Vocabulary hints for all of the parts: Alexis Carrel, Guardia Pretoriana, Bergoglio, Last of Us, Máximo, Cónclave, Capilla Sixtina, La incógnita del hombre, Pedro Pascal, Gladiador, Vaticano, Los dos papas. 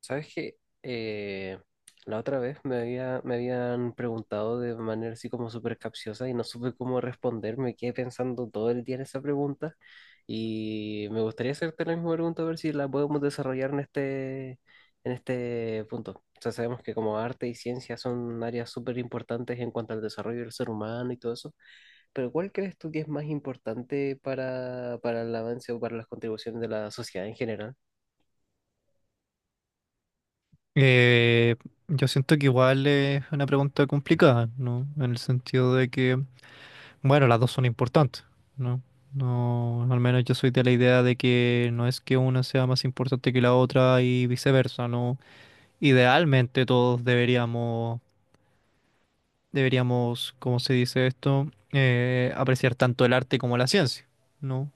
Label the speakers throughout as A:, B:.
A: ¿Sabes qué? Eh, la otra vez me habían preguntado de manera así como súper capciosa y no supe cómo responder. Me quedé pensando todo el día en esa pregunta y me gustaría hacerte la misma pregunta a ver si la podemos desarrollar en en este punto. O sea, sabemos que como arte y ciencia son áreas súper importantes en cuanto al desarrollo del ser humano y todo eso, pero ¿cuál crees tú que es más importante para el avance o para las contribuciones de la sociedad en general?
B: Eh, yo siento que igual es una pregunta complicada, ¿no? En el sentido de que, bueno, las dos son importantes, ¿no? No, al menos yo soy de la idea de que no es que una sea más importante que la otra y viceversa, ¿no? Idealmente todos deberíamos, ¿cómo se dice esto? Apreciar tanto el arte como la ciencia, ¿no?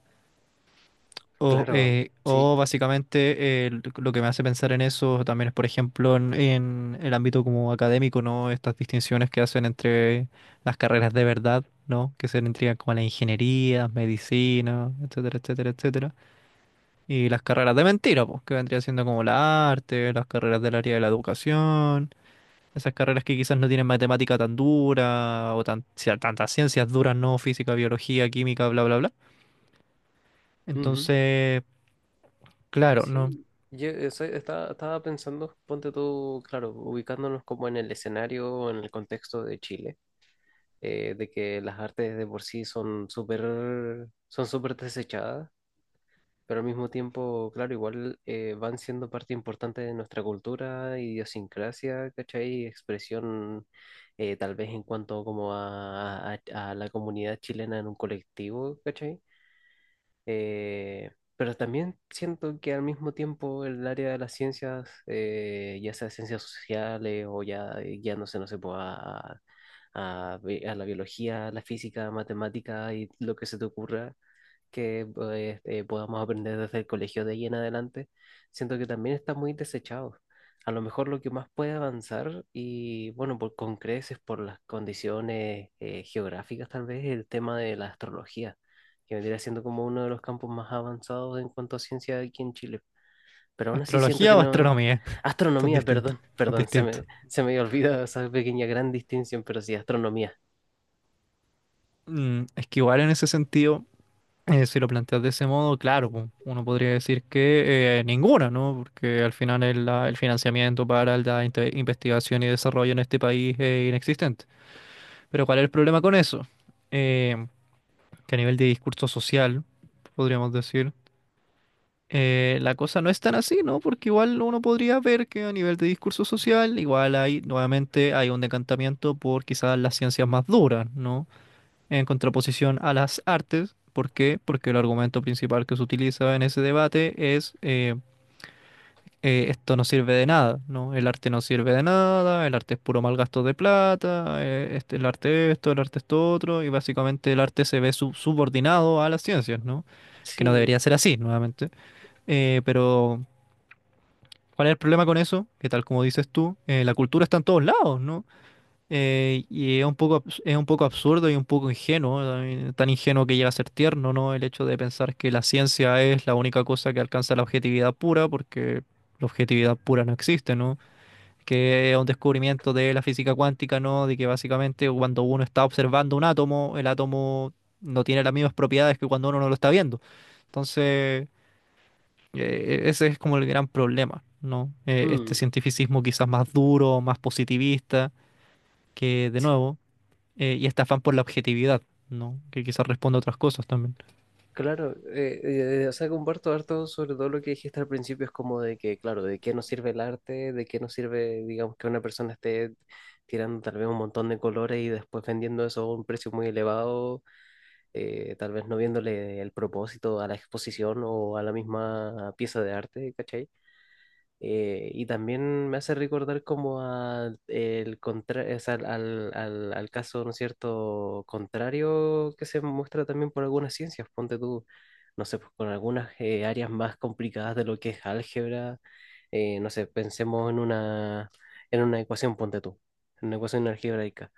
A: Claro, sí.
B: O básicamente lo que me hace pensar en eso también es, por ejemplo, en el ámbito como académico, ¿no? Estas distinciones que hacen entre las carreras de verdad, ¿no? Que se entregan como la ingeniería, medicina, etcétera, etcétera, etcétera. Y las carreras de mentira, pues, que vendría siendo como la arte, las carreras del área de la educación, esas carreras que quizás no tienen matemática tan dura o tan, sea, tantas ciencias duras, ¿no? Física, biología, química, bla, bla, bla.
A: Ujú.
B: Entonces... Claro, no.
A: Sí, estaba pensando, ponte tú, claro, ubicándonos como en el escenario, o en el contexto de Chile, de que las artes de por sí son son súper desechadas, pero al mismo tiempo, claro, igual van siendo parte importante de nuestra cultura, idiosincrasia, ¿cachai? Expresión, tal vez en cuanto como a la comunidad chilena en un colectivo, ¿cachai? Eh, pero también siento que al mismo tiempo el área de las ciencias, ya sea ciencias sociales o ya guiándose, no sé, pues, a la biología, a la física, a matemática y lo que se te ocurra, que pues, podamos aprender desde el colegio de ahí en adelante, siento que también está muy desechado. A lo mejor lo que más puede avanzar, y bueno, por, con creces, por las condiciones geográficas tal vez, el tema de la astrología, que vendría siendo como uno de los campos más avanzados en cuanto a ciencia aquí en Chile. Pero aún así siento que
B: ¿Astrología o
A: no...
B: astronomía? Son
A: Astronomía,
B: distintos,
A: perdón,
B: son
A: perdón,
B: distintos.
A: se me había olvidado esa pequeña gran distinción, pero sí, astronomía.
B: Mm, es que igual en ese sentido, si lo planteas de ese modo, claro, pu, uno podría decir que ninguna, ¿no? Porque al final el financiamiento para la investigación y desarrollo en este país es inexistente. Pero ¿cuál es el problema con eso? Eh, que a nivel de discurso social, podríamos decir. La cosa no es tan así, ¿no? Porque igual uno podría ver que a nivel de discurso social, igual hay, nuevamente, hay un decantamiento por quizás las ciencias más duras, ¿no? En contraposición a las artes. ¿Por qué? Porque el argumento principal que se utiliza en ese debate es esto no sirve de nada, ¿no? El arte no sirve de nada, el arte es puro mal gasto de plata, este, el arte esto otro, y básicamente el arte se ve subordinado a las ciencias, ¿no? Que no
A: Sí.
B: debería ser así, nuevamente. Pero ¿cuál es el problema con eso? Que tal como dices tú, la cultura está en todos lados, ¿no? Y es un poco, es un poco absurdo y un poco ingenuo, también, tan ingenuo que llega a ser tierno, ¿no? El hecho de pensar que la ciencia es la única cosa que alcanza la objetividad pura, porque la objetividad pura no existe, ¿no? Que es un descubrimiento de la física cuántica, ¿no? De que básicamente cuando uno está observando un átomo, el átomo no tiene las mismas propiedades que cuando uno no lo está viendo. Entonces... Ese es como el gran problema, ¿no? Este
A: Mm.
B: cientificismo quizás más duro, más positivista, que de nuevo, y este afán por la objetividad, ¿no? Que quizás responde a otras cosas también.
A: Claro, o sea, comparto harto sobre todo lo que dijiste al principio, es como de que, claro, de qué nos sirve el arte, de qué nos sirve, digamos, que una persona esté tirando tal vez un montón de colores y después vendiendo eso a un precio muy elevado, tal vez no viéndole el propósito a la exposición o a la misma pieza de arte, ¿cachai? Y también me hace recordar como a al caso, ¿no es cierto?, contrario que se muestra también por algunas ciencias. Ponte tú, no sé, pues, con algunas áreas más complicadas de lo que es álgebra. No sé, pensemos en en una ecuación, ponte tú, en una ecuación algebraica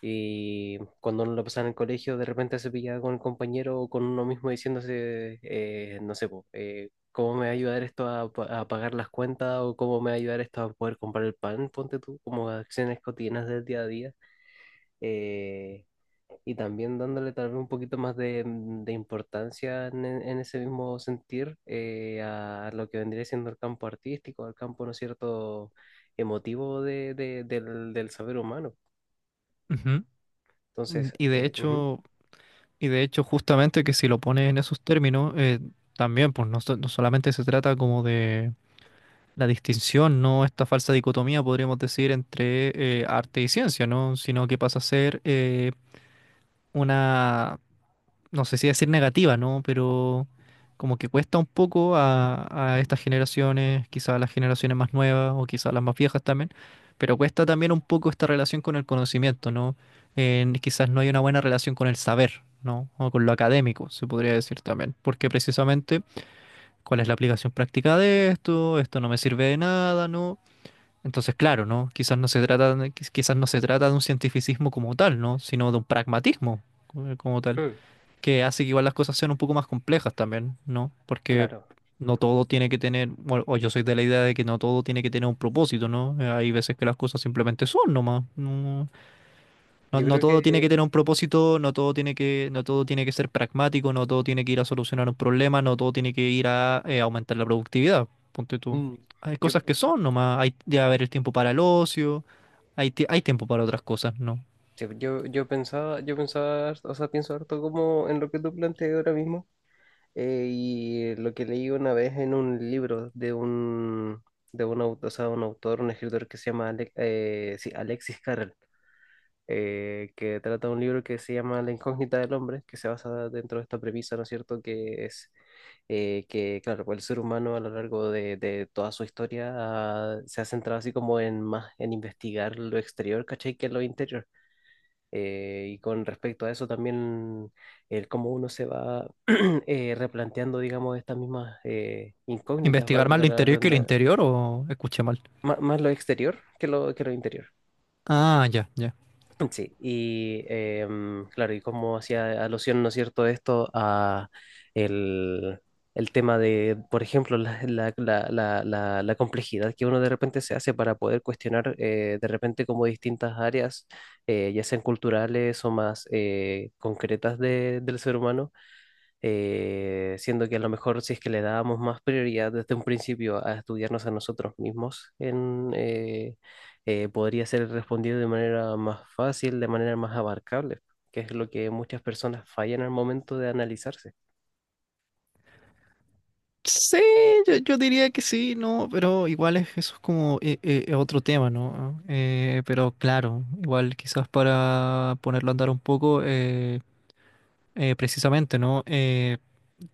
A: y cuando uno lo pasaba en el colegio, de repente se pillaba con el compañero o con uno mismo diciéndose, no sé, po, ¿cómo me va a ayudar esto a pagar las cuentas? ¿O cómo me va a ayudar esto a poder comprar el pan? Ponte tú, como acciones cotidianas del día a día. eh, y también dándole tal vez un poquito más de importancia en ese mismo sentir a lo que vendría siendo el campo artístico, al campo, ¿no es cierto?, emotivo del saber humano.
B: Ujú. Mm,
A: Entonces,
B: y de
A: ujú.
B: hecho, y de hecho, justamente que si lo pones en esos términos, también, pues no, no solamente se trata como de la distinción, ¿no? Esta falsa dicotomía, podríamos decir, entre arte y ciencia, ¿no? Sino que pasa a ser una no sé si decir negativa, ¿no? Pero como que cuesta un poco a estas generaciones, quizá a las generaciones más nuevas o quizá a las más viejas también, pero cuesta también un poco esta relación con el conocimiento, ¿no? Quizás no hay una buena relación con el saber, ¿no? O con lo académico, se podría decir también, porque precisamente, ¿cuál es la aplicación práctica de esto? Esto no me sirve de nada, ¿no? Entonces, claro, ¿no? Quizás no se trata, quizás no se trata de un cientificismo como tal, ¿no? Sino de un pragmatismo como tal que hace que igual las cosas sean un poco más complejas también, ¿no? Porque
A: Claro,
B: no todo tiene que tener, bueno, o yo soy de la idea de que no todo tiene que tener un propósito, ¿no? Hay veces que las cosas simplemente son nomás. No, no,
A: yo
B: no
A: creo
B: todo tiene que
A: que
B: tener un propósito, no todo tiene que, no todo tiene que ser pragmático, no todo tiene que ir a solucionar un problema, no todo tiene que ir a aumentar la productividad, ponte tú.
A: mm,
B: Hay
A: yo,
B: cosas que son nomás, hay de haber el tiempo para el ocio, hay tiempo para otras cosas, ¿no?
A: yo pensaba, o sea, pienso harto como en lo que tú planteas ahora mismo y lo que leí una vez en un libro de un autor, o sea, un autor, un escritor que se llama sí, Alexis Carrel que trata un libro que se llama La incógnita del hombre, que se basa dentro de esta premisa, ¿no es cierto?, que es que, claro, pues el ser humano a lo largo de toda su historia ah, se ha centrado así como en más en investigar lo exterior, ¿cachai? Que lo interior. Y con respecto a eso también, el cómo uno se va replanteando, digamos, estas mismas incógnitas,
B: ¿Investigar más
A: valga
B: lo
A: la
B: interior que el interior o escuché mal?
A: más, lo exterior que que lo interior.
B: Ah, ya, ya.
A: Sí, y em, claro, y como hacía alusión, ¿no es cierto?, esto a el, el tema de, por ejemplo, la complejidad que uno de repente se hace para poder cuestionar de repente como distintas áreas, ya sean culturales o más concretas del ser humano siendo que a lo mejor si es que le dábamos más prioridad desde un principio a estudiarnos a nosotros mismos, podría ser respondido de manera más fácil, de manera más abarcable, que es lo que muchas personas fallan al momento de analizarse.
B: Sí, yo diría que sí, no, pero igual es, eso es como otro tema, ¿no? Pero claro, igual quizás para ponerlo a andar un poco, precisamente, ¿no?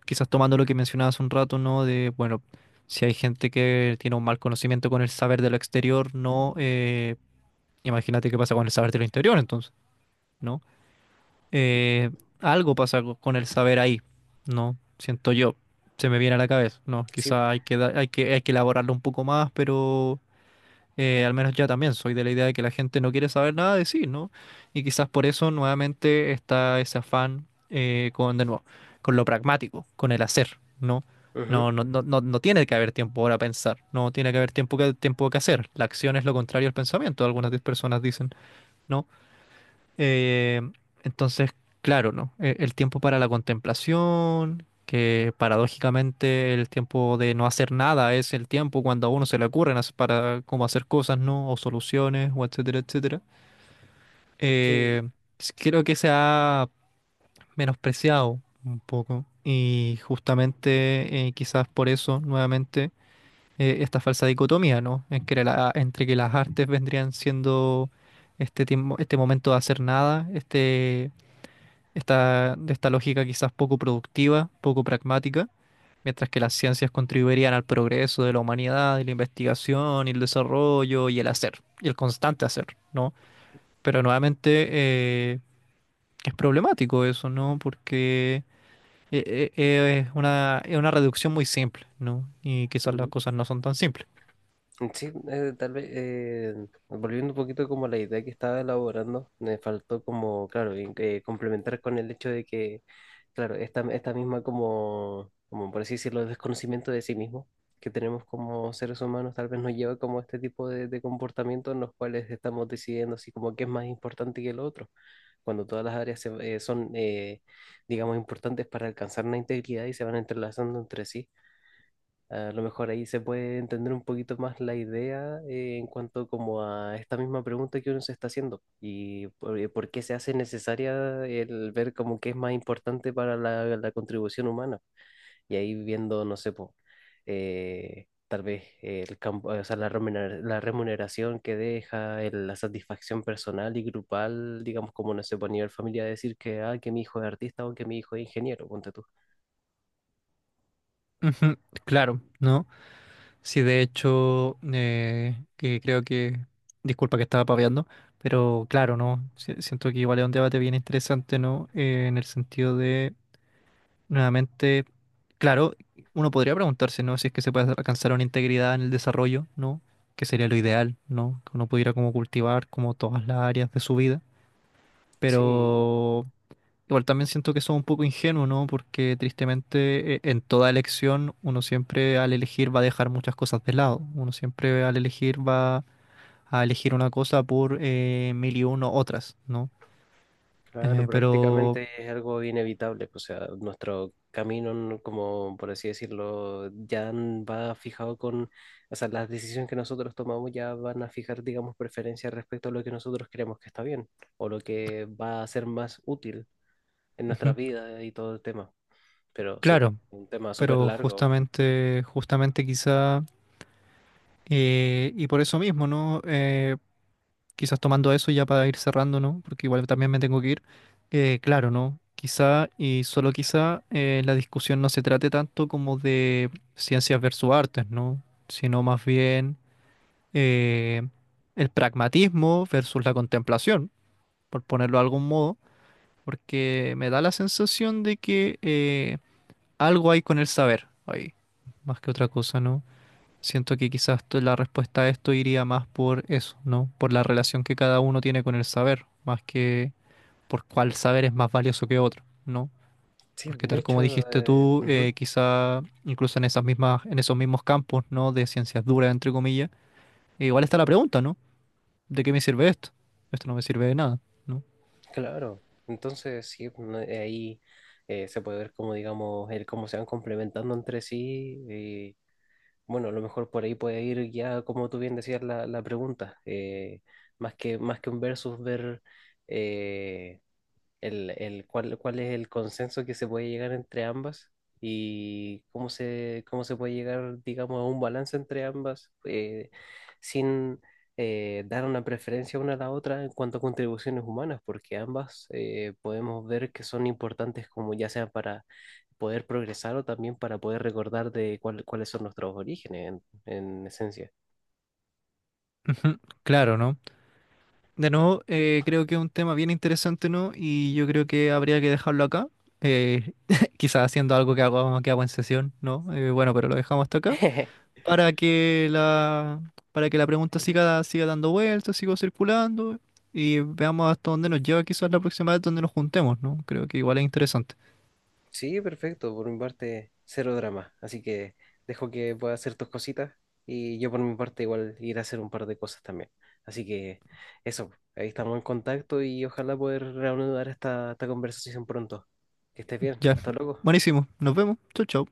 B: Quizás tomando lo que mencionabas un rato, ¿no? De, bueno, si hay gente que tiene un mal conocimiento con el saber de lo exterior, ¿no? Imagínate qué pasa con el saber de lo interior, entonces, ¿no? Eh, Algo pasa con el saber ahí, ¿no? Siento yo, se me viene a la cabeza, ¿no?
A: Sí,
B: Quizá hay que, hay que, hay que elaborarlo un poco más, pero al menos ya también soy de la idea de que la gente no quiere saber nada de sí, ¿no? Y quizás por eso nuevamente está ese afán con, de nuevo, con lo pragmático, con el hacer, ¿no?
A: ujú,
B: No, no, no, no, no tiene que haber tiempo para pensar, no tiene que haber tiempo que hacer. La acción es lo contrario al pensamiento, algunas personas dicen, ¿no? Eh, entonces, claro, ¿no? El tiempo para la contemplación, que paradójicamente el tiempo de no hacer nada es el tiempo cuando a uno se le ocurren para cómo hacer cosas, ¿no? O soluciones, o etcétera, etcétera.
A: sí.
B: Eh, Creo que se ha menospreciado un poco y justamente quizás por eso, nuevamente, esta falsa dicotomía, ¿no? En que entre que las artes vendrían siendo este tiempo, este momento de hacer nada, de esta lógica quizás poco productiva, poco pragmática, mientras que las ciencias contribuirían al progreso de la humanidad, y la investigación, y el desarrollo, y el hacer, y el constante hacer, ¿no? Pero nuevamente es problemático eso, ¿no? Porque es una reducción muy simple, ¿no? Y quizás las cosas no son tan simples.
A: Sí, tal vez volviendo un poquito como a la idea que estaba elaborando, me faltó como, claro, complementar con el hecho de que, claro, esta misma como, por así decirlo, desconocimiento de sí mismo que tenemos como seres humanos, tal vez nos lleva como a este tipo de comportamientos en los cuales estamos decidiendo así como qué es más importante que lo otro, cuando todas las áreas digamos, importantes para alcanzar una integridad y se van entrelazando entre sí. A lo mejor ahí se puede entender un poquito más la idea en cuanto como a esta misma pregunta que uno se está haciendo y por qué se hace necesaria el ver como qué es más importante para la contribución humana. Y ahí viendo, no sé, po, tal vez el campo, o sea, la remuneración que deja, la satisfacción personal y grupal, digamos como no sé, po, a nivel familia decir que, ah, que mi hijo es artista o que mi hijo es ingeniero, ponte tú.
B: Ujú, claro, ¿no? Sí, de hecho, que creo que, disculpa que estaba paveando, pero claro, ¿no? Siento que igual es un debate bien interesante, ¿no? En el sentido de, nuevamente, claro, uno podría preguntarse, ¿no? Si es que se puede alcanzar una integridad en el desarrollo, ¿no? Que sería lo ideal, ¿no? Que uno pudiera como cultivar como todas las áreas de su vida,
A: Sí,
B: pero igual también siento que somos un poco ingenuos, ¿no? Porque tristemente en toda elección uno siempre al elegir va a dejar muchas cosas de lado. Uno siempre al elegir va a elegir una cosa por mil y uno otras, ¿no?
A: claro,
B: Pero,
A: prácticamente es algo inevitable, pues, o sea, nuestro camino, como por así decirlo, ya va fijado con, o sea, las decisiones que nosotros tomamos ya van a fijar, digamos, preferencias respecto a lo que nosotros creemos que está bien o lo que va a ser más útil en
B: ujú,
A: nuestra vida y todo el tema. Pero sí,
B: claro,
A: un tema súper
B: pero
A: largo.
B: justamente, justamente quizá, y por eso mismo, ¿no? Quizás tomando eso ya para ir cerrando, ¿no? Porque igual también me tengo que ir. Claro, ¿no? Quizá y solo quizá la discusión no se trate tanto como de ciencias versus artes, ¿no? Sino más bien eh, el pragmatismo versus la contemplación, por ponerlo de algún modo, porque me da la sensación de que algo hay con el saber ahí, más que otra cosa, ¿no? Siento que quizás la respuesta a esto iría más por eso, ¿no? Por la relación que cada uno tiene con el saber, más que por cuál saber es más valioso que otro, ¿no?
A: Sí,
B: Porque
A: de
B: tal como
A: hecho,
B: dijiste tú,
A: ujú,
B: quizá incluso en esas mismas, en esos mismos campos, ¿no? De ciencias duras, entre comillas, igual está la pregunta, ¿no? ¿De qué me sirve esto? Esto no me sirve de nada, ¿no?
A: claro. Entonces, sí, no- ahí se puede ver como, digamos, el cómo se van complementando entre sí. Bueno, a lo mejor por ahí puede ir ya, como tú bien decías, la pregunta. Más que, más que un versus, ver eh, cuál, cuál es el consenso que se puede llegar entre ambas y cómo se puede llegar, digamos, a un balance entre ambas sin dar una preferencia una a la otra en cuanto a contribuciones humanas, porque ambas podemos ver que son importantes como ya sea para poder progresar o también para poder recordar de cuáles son nuestros orígenes en esencia.
B: Ujú, claro, ¿no? De nuevo, creo que es un tema bien interesante, ¿no? Y yo creo que habría que dejarlo acá. eh, Quizás haciendo algo que hago en sesión, ¿no? Bueno, pero lo dejamos hasta acá. Para que la, para que la pregunta siga, siga dando vueltas, siga circulando. Y veamos hasta dónde nos lleva quizás la próxima vez donde nos juntemos, ¿no? Creo que igual es interesante.
A: Sí, perfecto. Por mi parte, cero drama. Así que dejo que puedas hacer tus cositas y yo por mi parte igual iré a hacer un par de cosas también. Así que eso, ahí estamos en contacto y ojalá poder reanudar esta conversación pronto. Que estés bien.
B: Ya.
A: Hasta luego.
B: Buenísimo. Nos vemos. Chau, chau.